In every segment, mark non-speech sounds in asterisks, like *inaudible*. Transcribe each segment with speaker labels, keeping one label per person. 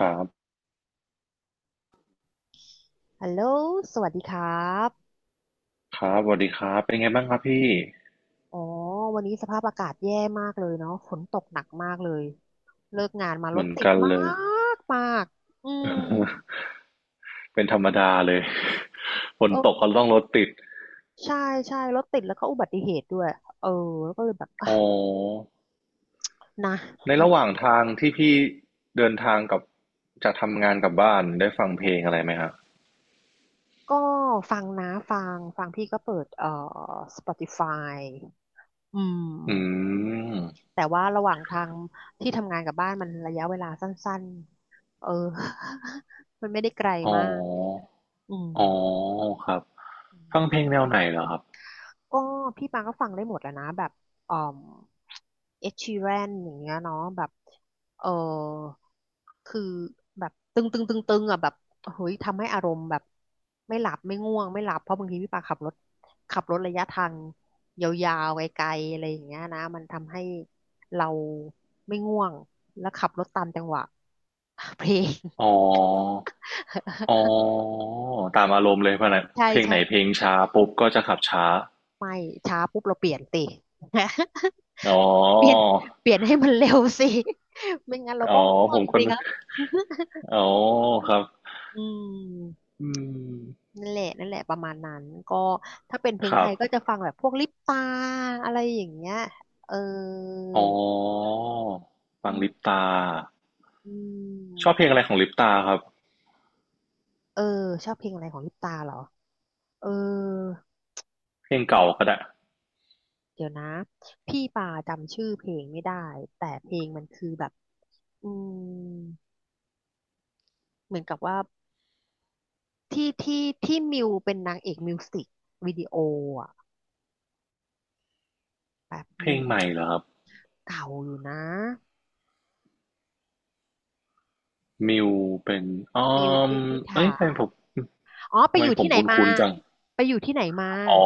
Speaker 1: ครับ
Speaker 2: ฮัลโหลสวัสดีครับ
Speaker 1: ครับสวัสดีครับเป็นไงบ้างครับพี่
Speaker 2: อ๋อ วันนี้สภาพอากาศแย่มากเลยเนาะฝนตกหนักมากเลย เลิกงานมา
Speaker 1: เห
Speaker 2: ร
Speaker 1: มื
Speaker 2: ถ
Speaker 1: อน
Speaker 2: ติด
Speaker 1: กัน
Speaker 2: มา
Speaker 1: เลย
Speaker 2: กมากอืม
Speaker 1: *laughs* เป็นธรรมดาเลย *laughs* ฝน
Speaker 2: เอ
Speaker 1: ตกก็
Speaker 2: อ
Speaker 1: ต้องรถติด
Speaker 2: ใช่ใช่รถติดแล้วก็อุบัติเหตุด้วย เออแล้วก็เลยแบบ อ่ะ
Speaker 1: อ๋อ
Speaker 2: นะ
Speaker 1: ในระหว่างทางที่พี่เดินทางกับจากทำงานกลับบ้านได้ฟังเพลงอะไรไหมครับ
Speaker 2: ก็ฟังนะ ฟังพี่ก็เปิดSpotify อื
Speaker 1: อื
Speaker 2: ม
Speaker 1: ม
Speaker 2: แต่ว่าระหว่างทางที่ทำงานกับบ้านมันระยะเวลาสั้นๆ เออ *laughs* มันไม่ได้ไกล
Speaker 1: อ๋
Speaker 2: มาก
Speaker 1: อ
Speaker 2: อืม
Speaker 1: อ๋อครับฟังเพลงแนวไหนเหรอครับ
Speaker 2: ก็พี่ปางก็ฟังได้หมดแหล้วนะแบบอ่อมเอ็ดชีแรนอย่างเงี้ยเนาะแบบเออคือแบบตึงตึงตึงตึงอ่ะแบบเฮ้ยทำให้อารมณ์แบบไม่หลับไม่ง่วงไม่หลับเพราะบางทีพี่ปางขับรถระยะทางยาวๆไกลๆอะไรอย่างเงี้ยนะมันทำให้เราไม่ง่วงแล้วขับรถตามจังหวะเพลง
Speaker 1: อ๋ออ๋อ
Speaker 2: *laughs*
Speaker 1: ตามอารมณ์เลยเพราะไหน
Speaker 2: ใช่
Speaker 1: เพลง
Speaker 2: ใช่
Speaker 1: ไหนเพลงช้าปุ๊บก็จะขับช้า
Speaker 2: ไม่ช้าปุ๊บเราเปลี่ยนติ *laughs*
Speaker 1: อ๋
Speaker 2: เปลี่ยน
Speaker 1: อ
Speaker 2: เปลี่ยนให้มันเร็วสิ *laughs* ไม่งั้นเรา
Speaker 1: อ๋อ
Speaker 2: ก็ง่
Speaker 1: ผ
Speaker 2: วง
Speaker 1: มคน
Speaker 2: สิครับ *laughs*
Speaker 1: อ๋อครับ
Speaker 2: อืม
Speaker 1: อืม
Speaker 2: นั่นแหละนั่นแหละประมาณนั้นก็ถ้าเป็นเพล
Speaker 1: ค
Speaker 2: งไท
Speaker 1: รับ
Speaker 2: ยก็จะฟังแบบพวกลิปตาอะไรอย่างเงี้ยเออ
Speaker 1: อ๋อฟั
Speaker 2: อื
Speaker 1: ง
Speaker 2: ม
Speaker 1: ลิปตา
Speaker 2: อื
Speaker 1: ชอบ
Speaker 2: ม
Speaker 1: เพลงอะไรของลิปตาครับ
Speaker 2: เออชอบเพลงอะไรของลิปตาเหรอเออ
Speaker 1: เพลงเก่าก็ได้
Speaker 2: เดี๋ยวนะพี่ป่าจำชื่อเพลงไม่ได้แต่เพลงมันคือแบบอืมเหมือนกับว่าที่มิวเป็นนางเอกมิวสิกวิดีโออ่ะแป๊บ
Speaker 1: เพ
Speaker 2: ห
Speaker 1: ล
Speaker 2: นึ่
Speaker 1: ง
Speaker 2: ง
Speaker 1: ใหม่เหรอครับ
Speaker 2: เก่าอยู่นะ
Speaker 1: มิวเป็นอ๋อ
Speaker 2: มิว
Speaker 1: ม
Speaker 2: มิวนิษ
Speaker 1: เอ้ย
Speaker 2: ฐา
Speaker 1: ทำไมผม
Speaker 2: อ๋อไป
Speaker 1: ทำ
Speaker 2: อ
Speaker 1: ไม
Speaker 2: ยู่
Speaker 1: ผ
Speaker 2: ที่
Speaker 1: ม
Speaker 2: ไหนมา
Speaker 1: คุ้นๆจัง
Speaker 2: ไปอยู่ที่ไหนมา
Speaker 1: อ๋อ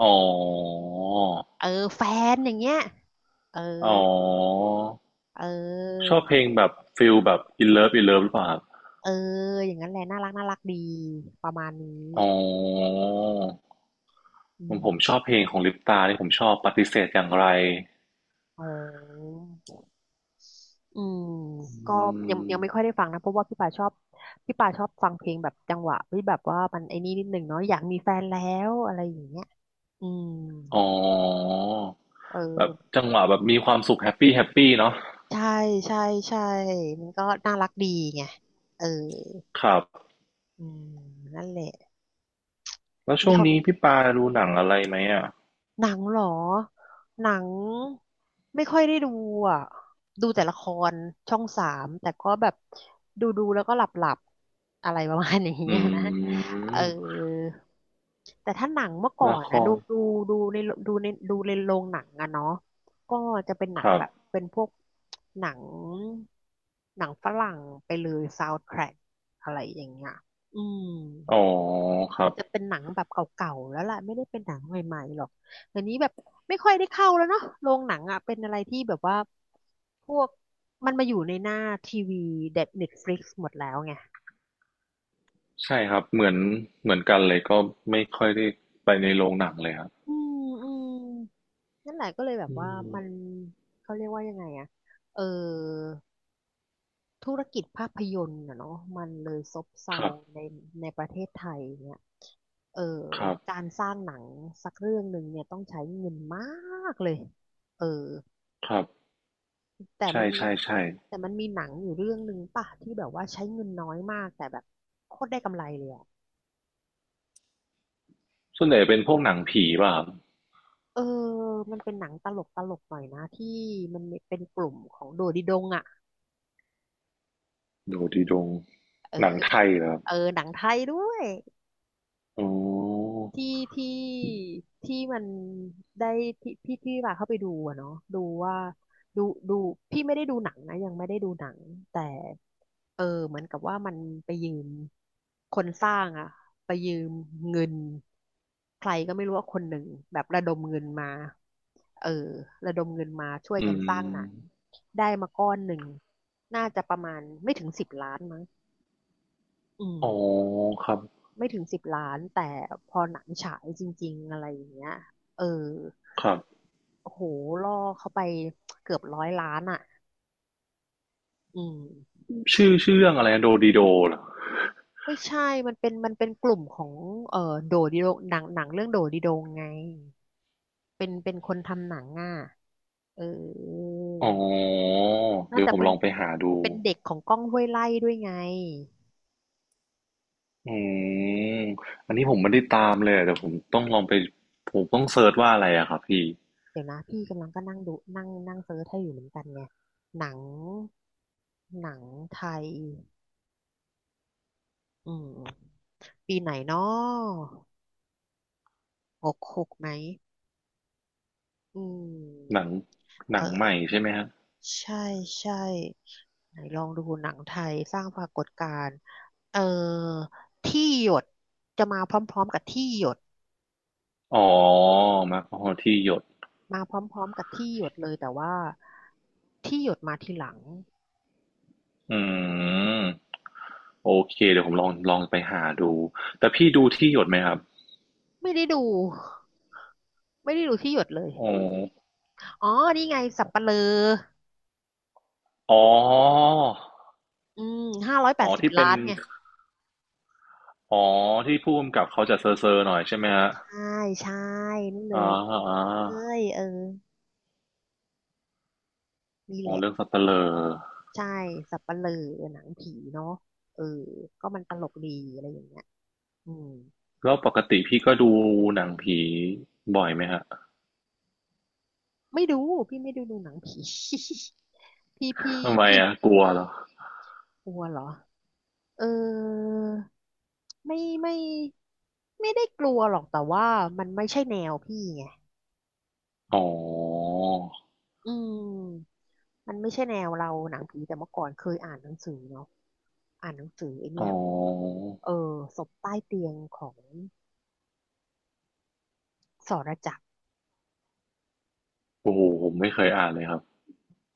Speaker 1: อ๋อ
Speaker 2: เออแฟนอย่างเงี้ยเออ
Speaker 1: อ๋อ
Speaker 2: เอ
Speaker 1: ช
Speaker 2: อ
Speaker 1: อบเพลงแบบฟิลแบบ In Love In Love หรือเปล่าครับ
Speaker 2: เอออย่างนั้นแหละน่ารักน่ารักดีประมาณนี้
Speaker 1: อ๋อ
Speaker 2: อื
Speaker 1: ผม
Speaker 2: ม
Speaker 1: ผมชอบเพลงของลิปตาที่ผมชอบปฏิเสธอย่างไร
Speaker 2: อ๋ออืมก็
Speaker 1: อื
Speaker 2: ยัง
Speaker 1: ม
Speaker 2: ยังไม่ค่อยได้ฟังนะเพราะว่าพี่ป่าชอบฟังเพลงแบบจังหวะที่แบบว่ามันไอ้นี่นิดหนึ่งเนาะอยากมีแฟนแล้วอะไรอย่างเงี้ยอืม
Speaker 1: อ๋อ
Speaker 2: เอ
Speaker 1: แบบ
Speaker 2: อ
Speaker 1: จังหวะแบบมีความสุขแฮปปี้แฮปปี้เนาะ
Speaker 2: ใช่ใช่ใช่มันก็น่ารักดีไงเออ
Speaker 1: ครับ
Speaker 2: อืมนั่นแหละ
Speaker 1: แล้วช่
Speaker 2: นี่
Speaker 1: วง
Speaker 2: เขา
Speaker 1: นี้พี่ปาดูหนังอะไรไหมอ่ะ
Speaker 2: หนังเหรอหนังไม่ค่อยได้ดูอ่ะดูแต่ละครช่อง 3แต่ก็แบบดูดูแล้วก็หลับหลับอะไรประมาณนี้
Speaker 1: อื
Speaker 2: นะเออ
Speaker 1: ม
Speaker 2: แต่ถ้าหนังเมื่อก่อ
Speaker 1: ละ
Speaker 2: น
Speaker 1: ค
Speaker 2: นะดู
Speaker 1: ร
Speaker 2: ดูดูในดูในโรงหนังอะเนาะก็จะเป็นหนั
Speaker 1: ค
Speaker 2: ง
Speaker 1: รับ
Speaker 2: แบบเป็นพวกหนังหนังฝรั่งไปเลยซาวด์แทร็กอะไรอย่างเงี้ยอืม
Speaker 1: อ๋อครับ
Speaker 2: จะเป็นหนังแบบเก่าๆแล้วล่ะไม่ได้เป็นหนังใหม่ๆหรอกเดี๋ยวนี้แบบไม่ค่อยได้เข้าแล้วเนาะโรงหนังอ่ะเป็นอะไรที่แบบว่าพวกมันมาอยู่ในหน้าทีวีเด็ด n น t ตฟลิหมดแล้วไง
Speaker 1: ใช่ครับเหมือนเหมือนกันเลยก็ไม่ค่อยได้ไปในโรงหนังเลยครับ
Speaker 2: อืมอืมนั่นแหละก็เลยแบบ
Speaker 1: อื
Speaker 2: ว่า
Speaker 1: ม
Speaker 2: มันเขาเรียกว่ายังไงอะเออธุรกิจภาพยนตร์อะเนาะมันเลยซบเซา
Speaker 1: ครับ
Speaker 2: ในในประเทศไทยเนี่ยเออ
Speaker 1: ครับ
Speaker 2: การสร้างหนังสักเรื่องหนึ่งเนี่ยต้องใช้เงินมากเลยเออ
Speaker 1: ครับ
Speaker 2: แต่มั
Speaker 1: ใช่
Speaker 2: นมี
Speaker 1: ใช่ใช่
Speaker 2: แต่มันมีหนังอยู่เรื่องหนึ่งป่ะที่แบบว่าใช้เงินน้อยมากแต่แบบโคตรได้กำไรเลยอะ
Speaker 1: ส่วนใหญ่เป็นพวกหนังผีป่ะครับ
Speaker 2: เออมันเป็นหนังตลกตลกหน่อยนะที่มันเป็นกลุ่มของโดดิดงอะ
Speaker 1: ดูดีดง
Speaker 2: เอ
Speaker 1: ห
Speaker 2: อ
Speaker 1: นังไทยเหรอครับ
Speaker 2: เออหนังไทยด้วย
Speaker 1: อ๋อ
Speaker 2: ที่ที่ที่มันได้ที่พี่ที่ว่าเข้าไปดูอะเนาะดูว่าดูดูพี่ไม่ได้ดูหนังนะยังไม่ได้ดูหนังแต่เออเหมือนกับว่ามันไปยืมคนสร้างอะไปยืมเงินใครก็ไม่รู้ว่าคนหนึ่งแบบระดมเงินมาเออระดมเงินมาช่วย
Speaker 1: อื
Speaker 2: กันสร้างหนัง
Speaker 1: ม
Speaker 2: ได้มาก้อนหนึ่งน่าจะประมาณไม่ถึงสิบล้านมั้งอืม
Speaker 1: อ๋อครับ
Speaker 2: ไม่ถึง10 ล้านแต่พอหนังฉายจริงๆอะไรอย่างเงี้ยเออ
Speaker 1: ครับ
Speaker 2: โอ้โหล่อเข้าไปเกือบ100 ล้านอ่ะอืม
Speaker 1: ชื่อเรื่องอะไรนะโดดีโดเหรอ
Speaker 2: ไม่ใช่มันเป็นกลุ่มของเออโดดิโดงหนังเรื่องโดดิโดงไงเป็นคนทำหนังอ่ะเออ
Speaker 1: อ๋อ
Speaker 2: น่า
Speaker 1: เดี๋ยว
Speaker 2: จะ
Speaker 1: ผม
Speaker 2: เป็
Speaker 1: ล
Speaker 2: น
Speaker 1: องไปหาดู
Speaker 2: เป็นเด็กของก้องห้วยไร่ด้วยไง
Speaker 1: อืมอันนี้ผมไม่ได้ตามเลยอะแต่ผมต้องลองไปผมต้องเซิร์ชว่าอะไรอะครับพี่
Speaker 2: เดี๋ยวนะพี่กำลังก็นั่งดูนั่งนั่งเซิร์ชให้อยู่เหมือนกันไงหนังหนังไทยอืมปีไหนเนาะ หกหกไหมอื
Speaker 1: หนั
Speaker 2: ม
Speaker 1: งห
Speaker 2: เอ
Speaker 1: นังใหม่
Speaker 2: อ
Speaker 1: ใช่ไหมฮะ
Speaker 2: ใช่ใช่ไหนลองดูหนังไทยสร้างปรากฏการณ์เออที่หยดจะมาพร้อมๆกับที่หยด
Speaker 1: อ๋อมาพอที่หยด
Speaker 2: มาพร้อมๆกับที่หยดเลยแต่ว่าที่หยดมาทีหลัง
Speaker 1: อืมโอเคเดี๋ยวผมลองไปหาดูแต่พี่ดูที่หยดไหมครับ
Speaker 2: ไม่ได้ดูไม่ได้ดูที่หยดเลย
Speaker 1: อ๋อ
Speaker 2: อ๋อนี่ไงสัปเหร่อ
Speaker 1: อ๋อ
Speaker 2: อืมห้าร้อยแป
Speaker 1: อ๋อ
Speaker 2: ดสิบ
Speaker 1: ที่เป็
Speaker 2: ล้า
Speaker 1: น
Speaker 2: นไง
Speaker 1: อ๋อที่ผู้กำกับเขาจะเซอร์หน่อยใช่ไหมฮะ
Speaker 2: ใช่ใช่นั่นเล
Speaker 1: อ่า
Speaker 2: ย
Speaker 1: อ่า
Speaker 2: เอ้ยเออนี่
Speaker 1: อ๋
Speaker 2: แห
Speaker 1: อ
Speaker 2: ละ
Speaker 1: เรื่องสัตว์เตลอ
Speaker 2: ใช่สัปเหร่อหนังผีเนาะเออก็มันตลกดีอะไรอย่างเงี้ยอืม
Speaker 1: แล้วปกติพี่ก็ดูหนังผีบ่อยไหมฮะ
Speaker 2: ไม่ดูพี่ไม่ได้ดูหนังผี *laughs* พี่พี่
Speaker 1: ทำไม
Speaker 2: พี่
Speaker 1: อ่ะกลัวเหรอ
Speaker 2: กลัวเหรอเออไม่ไม่ไม่ได้กลัวหรอกแต่ว่ามันไม่ใช่แนวพี่ไง
Speaker 1: อ๋อ
Speaker 2: อืมมันไม่ใช่แนวเราหนังผีแต่เมื่อก่อนเคยอ่านหนังสือเนาะอ่านหนังสือไอ
Speaker 1: อ๋อ
Speaker 2: เนี่ยเออศพใต้เตียงของสรจักร
Speaker 1: โอ้โหผมไม่เคยอ่านเลยครับ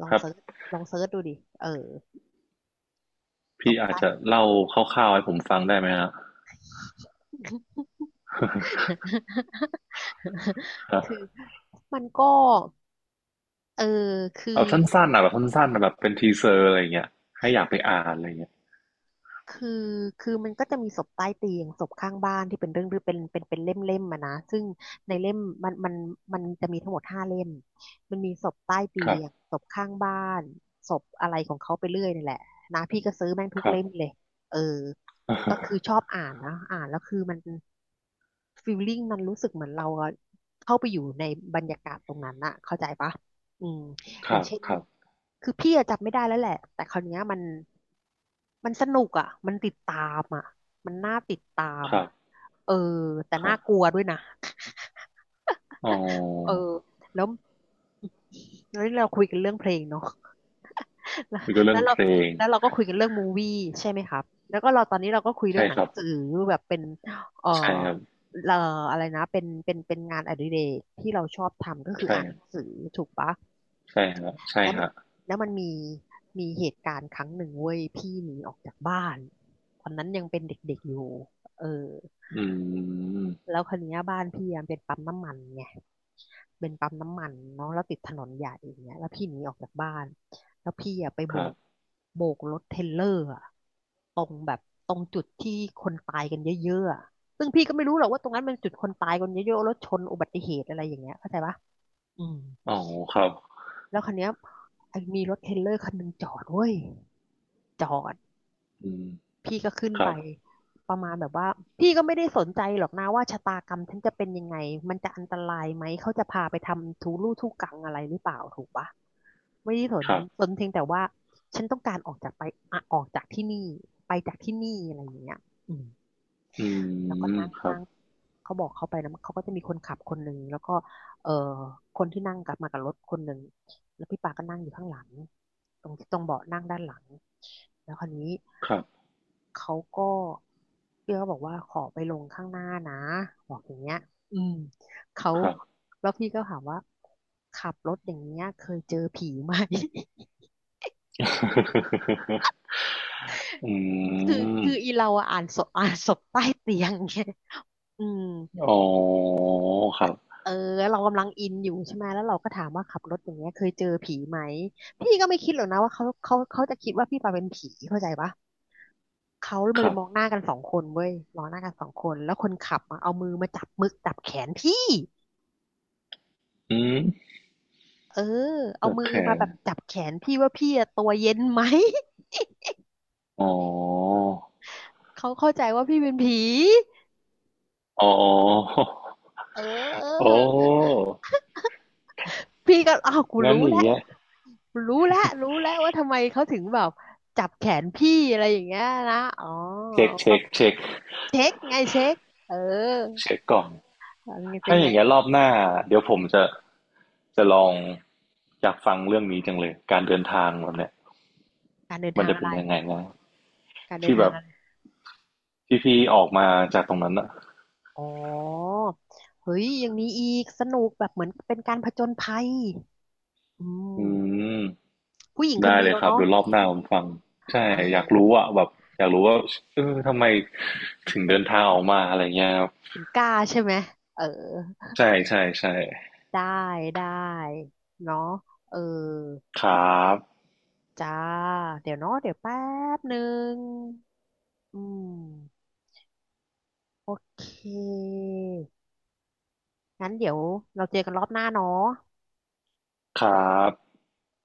Speaker 2: ลอ
Speaker 1: ค
Speaker 2: ง
Speaker 1: รับ
Speaker 2: เซิร์ชลองเซิร์ชดูดิเออศ
Speaker 1: พี่
Speaker 2: พ
Speaker 1: อาจ
Speaker 2: ใต้
Speaker 1: จะเล่าคร่าวๆให้ผมฟังได้ไหมฮะ *laughs*
Speaker 2: *laughs*
Speaker 1: ครั
Speaker 2: คือ
Speaker 1: บ
Speaker 2: มันก็เออคือ
Speaker 1: เอาสั้นๆนะแบบสั้นๆนะแบบเป็นทีเซอร์อะไรเงี้ยให้อยากไปอ่านอะไรเงี้ย
Speaker 2: คือคือมันก็จะมีศพใต้เตียงศพข้างบ้านที่เป็นเรื่องเป็นเล่มอะนะซึ่งในเล่มมันมันมันจะมีทั้งหมดห้าเล่มมันมีศพใต้เตี
Speaker 1: ครั
Speaker 2: ย
Speaker 1: บ
Speaker 2: งศพข้างบ้านศพอะไรของเขาไปเรื่อยนี่แหละนะพี่ก็ซื้อแม่งทุ
Speaker 1: ค
Speaker 2: ก
Speaker 1: รั
Speaker 2: เล่
Speaker 1: บ
Speaker 2: มเลยเออก็คือชอบ
Speaker 1: *laughs*
Speaker 2: อ่านนะอ่านแล้วคือมันฟีลลิ่งมันรู้สึกเหมือนเราเข้าไปอยู่ในบรรยากาศตรงนั้นอะเข้าใจปะอืม
Speaker 1: ค
Speaker 2: อย่า
Speaker 1: รั
Speaker 2: ง
Speaker 1: บ
Speaker 2: เช่น
Speaker 1: ครับ
Speaker 2: คือพี่อะจำไม่ได้แล้วแหละแต่คราวเนี้ยมันมันสนุกอ่ะมันติดตามอ่ะมันน่าติดตาม
Speaker 1: ครั
Speaker 2: อ่ะ
Speaker 1: บ
Speaker 2: เออแต่
Speaker 1: ค
Speaker 2: น่า
Speaker 1: รับ
Speaker 2: กลัวด้วยนะ
Speaker 1: อ๋
Speaker 2: เออ
Speaker 1: อ
Speaker 2: แล้วแล้วเราคุยกันเรื่องเพลงเนาะ *laughs* แล้ว
Speaker 1: คุยก็เรื่
Speaker 2: แล้
Speaker 1: อง
Speaker 2: วเรา
Speaker 1: เพลง
Speaker 2: แล้วเราก็คุยกันเรื่องมูวี่ใช่ไหมครับแล้วก็เราตอนนี้เราก็คุยเรื่
Speaker 1: ใช่
Speaker 2: องหนั
Speaker 1: ค
Speaker 2: ง
Speaker 1: รับ
Speaker 2: สือแบบเป็นเอ่อ
Speaker 1: ใช่ครับ
Speaker 2: เอ่ออะไรนะเป็นงานอดิเรกที่เราชอบทำก็คือ
Speaker 1: ใช่
Speaker 2: อ่านหนังสือถูกปะ
Speaker 1: ใช่ฮะใช่
Speaker 2: แล้วมัน
Speaker 1: ฮะ
Speaker 2: แล้วมันมีมีเหตุการณ์ครั้งหนึ่งเว้ยพี่หนีออกจากบ้านตอนนั้นยังเป็นเด็กๆอยู่เออ
Speaker 1: อืม
Speaker 2: แล้วคันนี้ยบ้านพี่อะเป็นปั๊มน้ำมันไงเป็นปั๊มน้ำมันเนาะแล้วติดถนนใหญ่อย่างเงี้ยแล้วพี่หนีออกจากบ้านแล้วพี่อะไป
Speaker 1: ค
Speaker 2: โบ
Speaker 1: รั
Speaker 2: ก
Speaker 1: บ
Speaker 2: โบกรถเทรลเลอร์อะตรงแบบตรงจุดที่คนตายกันเยอะๆอะซึ่งพี่ก็ไม่รู้หรอกว่าตรงนั้นมันจุดคนตายกันเยอะๆรถชนอุบัติเหตุอะไรอย่างเงี้ยเข้าใจปะอืม
Speaker 1: อ๋อครับ
Speaker 2: แล้วคันนี้ยไอ้มีรถเทรลเลอร์คันหนึ่งจอดเว้ย จอด
Speaker 1: อืม
Speaker 2: พี่ก็ขึ้น
Speaker 1: ค
Speaker 2: ไป
Speaker 1: รับ
Speaker 2: ประมาณแบบว่าพี่ก็ไม่ได้สนใจหรอกนะว่าชะตากรรมฉันจะเป็นยังไงมันจะอันตรายไหมเขาจะพาไปทำทุลู่ทุกังอะไรหรือเปล่าถูกปะไม่ได้สน
Speaker 1: ครับ
Speaker 2: สนเพียงแต่ว่าฉันต้องการออกจากไปอะออกจากที่นี่ไปจากที่นี่อะไรอย่างเงี้ยอืม
Speaker 1: อื
Speaker 2: แล้วก็
Speaker 1: ม
Speaker 2: นั่ง
Speaker 1: ครั
Speaker 2: นั่
Speaker 1: บ
Speaker 2: งเขาบอกเขาไปแล้วเขาก็จะมีคนขับคนหนึ่งแล้วก็เอ่อคนที่นั่งกลับมากับรถคนหนึ่งแล้วพี่ปาก็นั่งอยู่ข้างหลังตรงตรงเบาะนั่งด้านหลังแล้วคราวนี้
Speaker 1: ครับ
Speaker 2: เขาก็พี่ก็บอกว่าขอไปลงข้างหน้านะบอกอย่างเงี้ยอืมเขา
Speaker 1: ครับ
Speaker 2: แล้วพี่ก็ถามว่าขับรถอย่างเงี้ยเคยเจอผีไหม *laughs*
Speaker 1: *laughs* อื
Speaker 2: คือ
Speaker 1: ม
Speaker 2: คืออีเราอะอ่านศพอ่านศพใต้เตียงไงอืม
Speaker 1: อ๋อครับ
Speaker 2: เออเรากำลังอินอยู่ใช่ไหมแล้วเราก็ถามว่าขับรถอย่างเงี้ยเคยเจอผีไหมพี่ก็ไม่คิดหรอกนะว่าเขาจะคิดว่าพี่ปาเป็นผีเข้าใจปะเขามา
Speaker 1: ค
Speaker 2: เล
Speaker 1: รั
Speaker 2: ย
Speaker 1: บ
Speaker 2: มองหน้ากันสองคนเว้ยมองหน้ากันสองคนแล้วคนขับอะเอามือมาจับมึกจับแขนพี่
Speaker 1: อืม
Speaker 2: เออเอา
Speaker 1: เกือบ
Speaker 2: มื
Speaker 1: แข
Speaker 2: อมา
Speaker 1: น
Speaker 2: แบบจับแขนพี่ว่าพี่อะตัวเย็นไหม
Speaker 1: อ๋อ
Speaker 2: *laughs* เขาเข้าใจว่าพี่เป็นผี
Speaker 1: อ๋อ
Speaker 2: เอ
Speaker 1: *laughs* โอ้
Speaker 2: อ พี่ก็อ้าวกู
Speaker 1: งั้น
Speaker 2: รู้
Speaker 1: อย่าง
Speaker 2: แล้ว
Speaker 1: เงี้ย
Speaker 2: รู้แล้วว่าทำไมเขาถึงแบบจับแขนพี่อะไรอย่างเงี้ยนะอ๋อ
Speaker 1: เช็ค
Speaker 2: เช็คไงเช็คเออ
Speaker 1: เช็คก่อน
Speaker 2: เป็
Speaker 1: ถ้า
Speaker 2: น
Speaker 1: อ
Speaker 2: ไง
Speaker 1: ย่างเงี้ยรอบหน้าเดี๋ยวผมจะจะลองอยากฟังเรื่องนี้จังเลย การเดินทางแบบเนี้ย
Speaker 2: การเดิน
Speaker 1: มัน
Speaker 2: ทาง
Speaker 1: จะ
Speaker 2: อะ
Speaker 1: เป็
Speaker 2: ไร
Speaker 1: นยังไงนะ
Speaker 2: การเดิน
Speaker 1: ที่
Speaker 2: ทา
Speaker 1: แบ
Speaker 2: ง
Speaker 1: บ
Speaker 2: อะไร
Speaker 1: ที่พี่ออกมาจากตรงนั้นอะ
Speaker 2: อ๋อเฮ้ยยังมีอีกสนุกแบบเหมือนเป็นการผจญภัยอื
Speaker 1: อื
Speaker 2: ม
Speaker 1: ม
Speaker 2: ผู้หญิงคน
Speaker 1: ได้
Speaker 2: เดี
Speaker 1: เล
Speaker 2: ย
Speaker 1: ย
Speaker 2: ว
Speaker 1: ครับ
Speaker 2: เนาะ
Speaker 1: เดี๋ยวรอบหน้าผมฟังใช่
Speaker 2: เออ
Speaker 1: อยากรู้อ่ะแบบอยากรู้ว่าเออทำไมถึงเดินทางออกมาอะไรเงี้ยครับ
Speaker 2: ถึงกล้าใช่ไหมเออ
Speaker 1: ใช่ใช่ใช่
Speaker 2: ได้ได้เนาะเออ
Speaker 1: ครับ
Speaker 2: จ้าเดี๋ยวเนาะเดี๋ยวแป๊บหนึ่งอืมโอเคงั้นเดี๋ยวเราเจอกันรอบหน้าเนาะ
Speaker 1: ครับ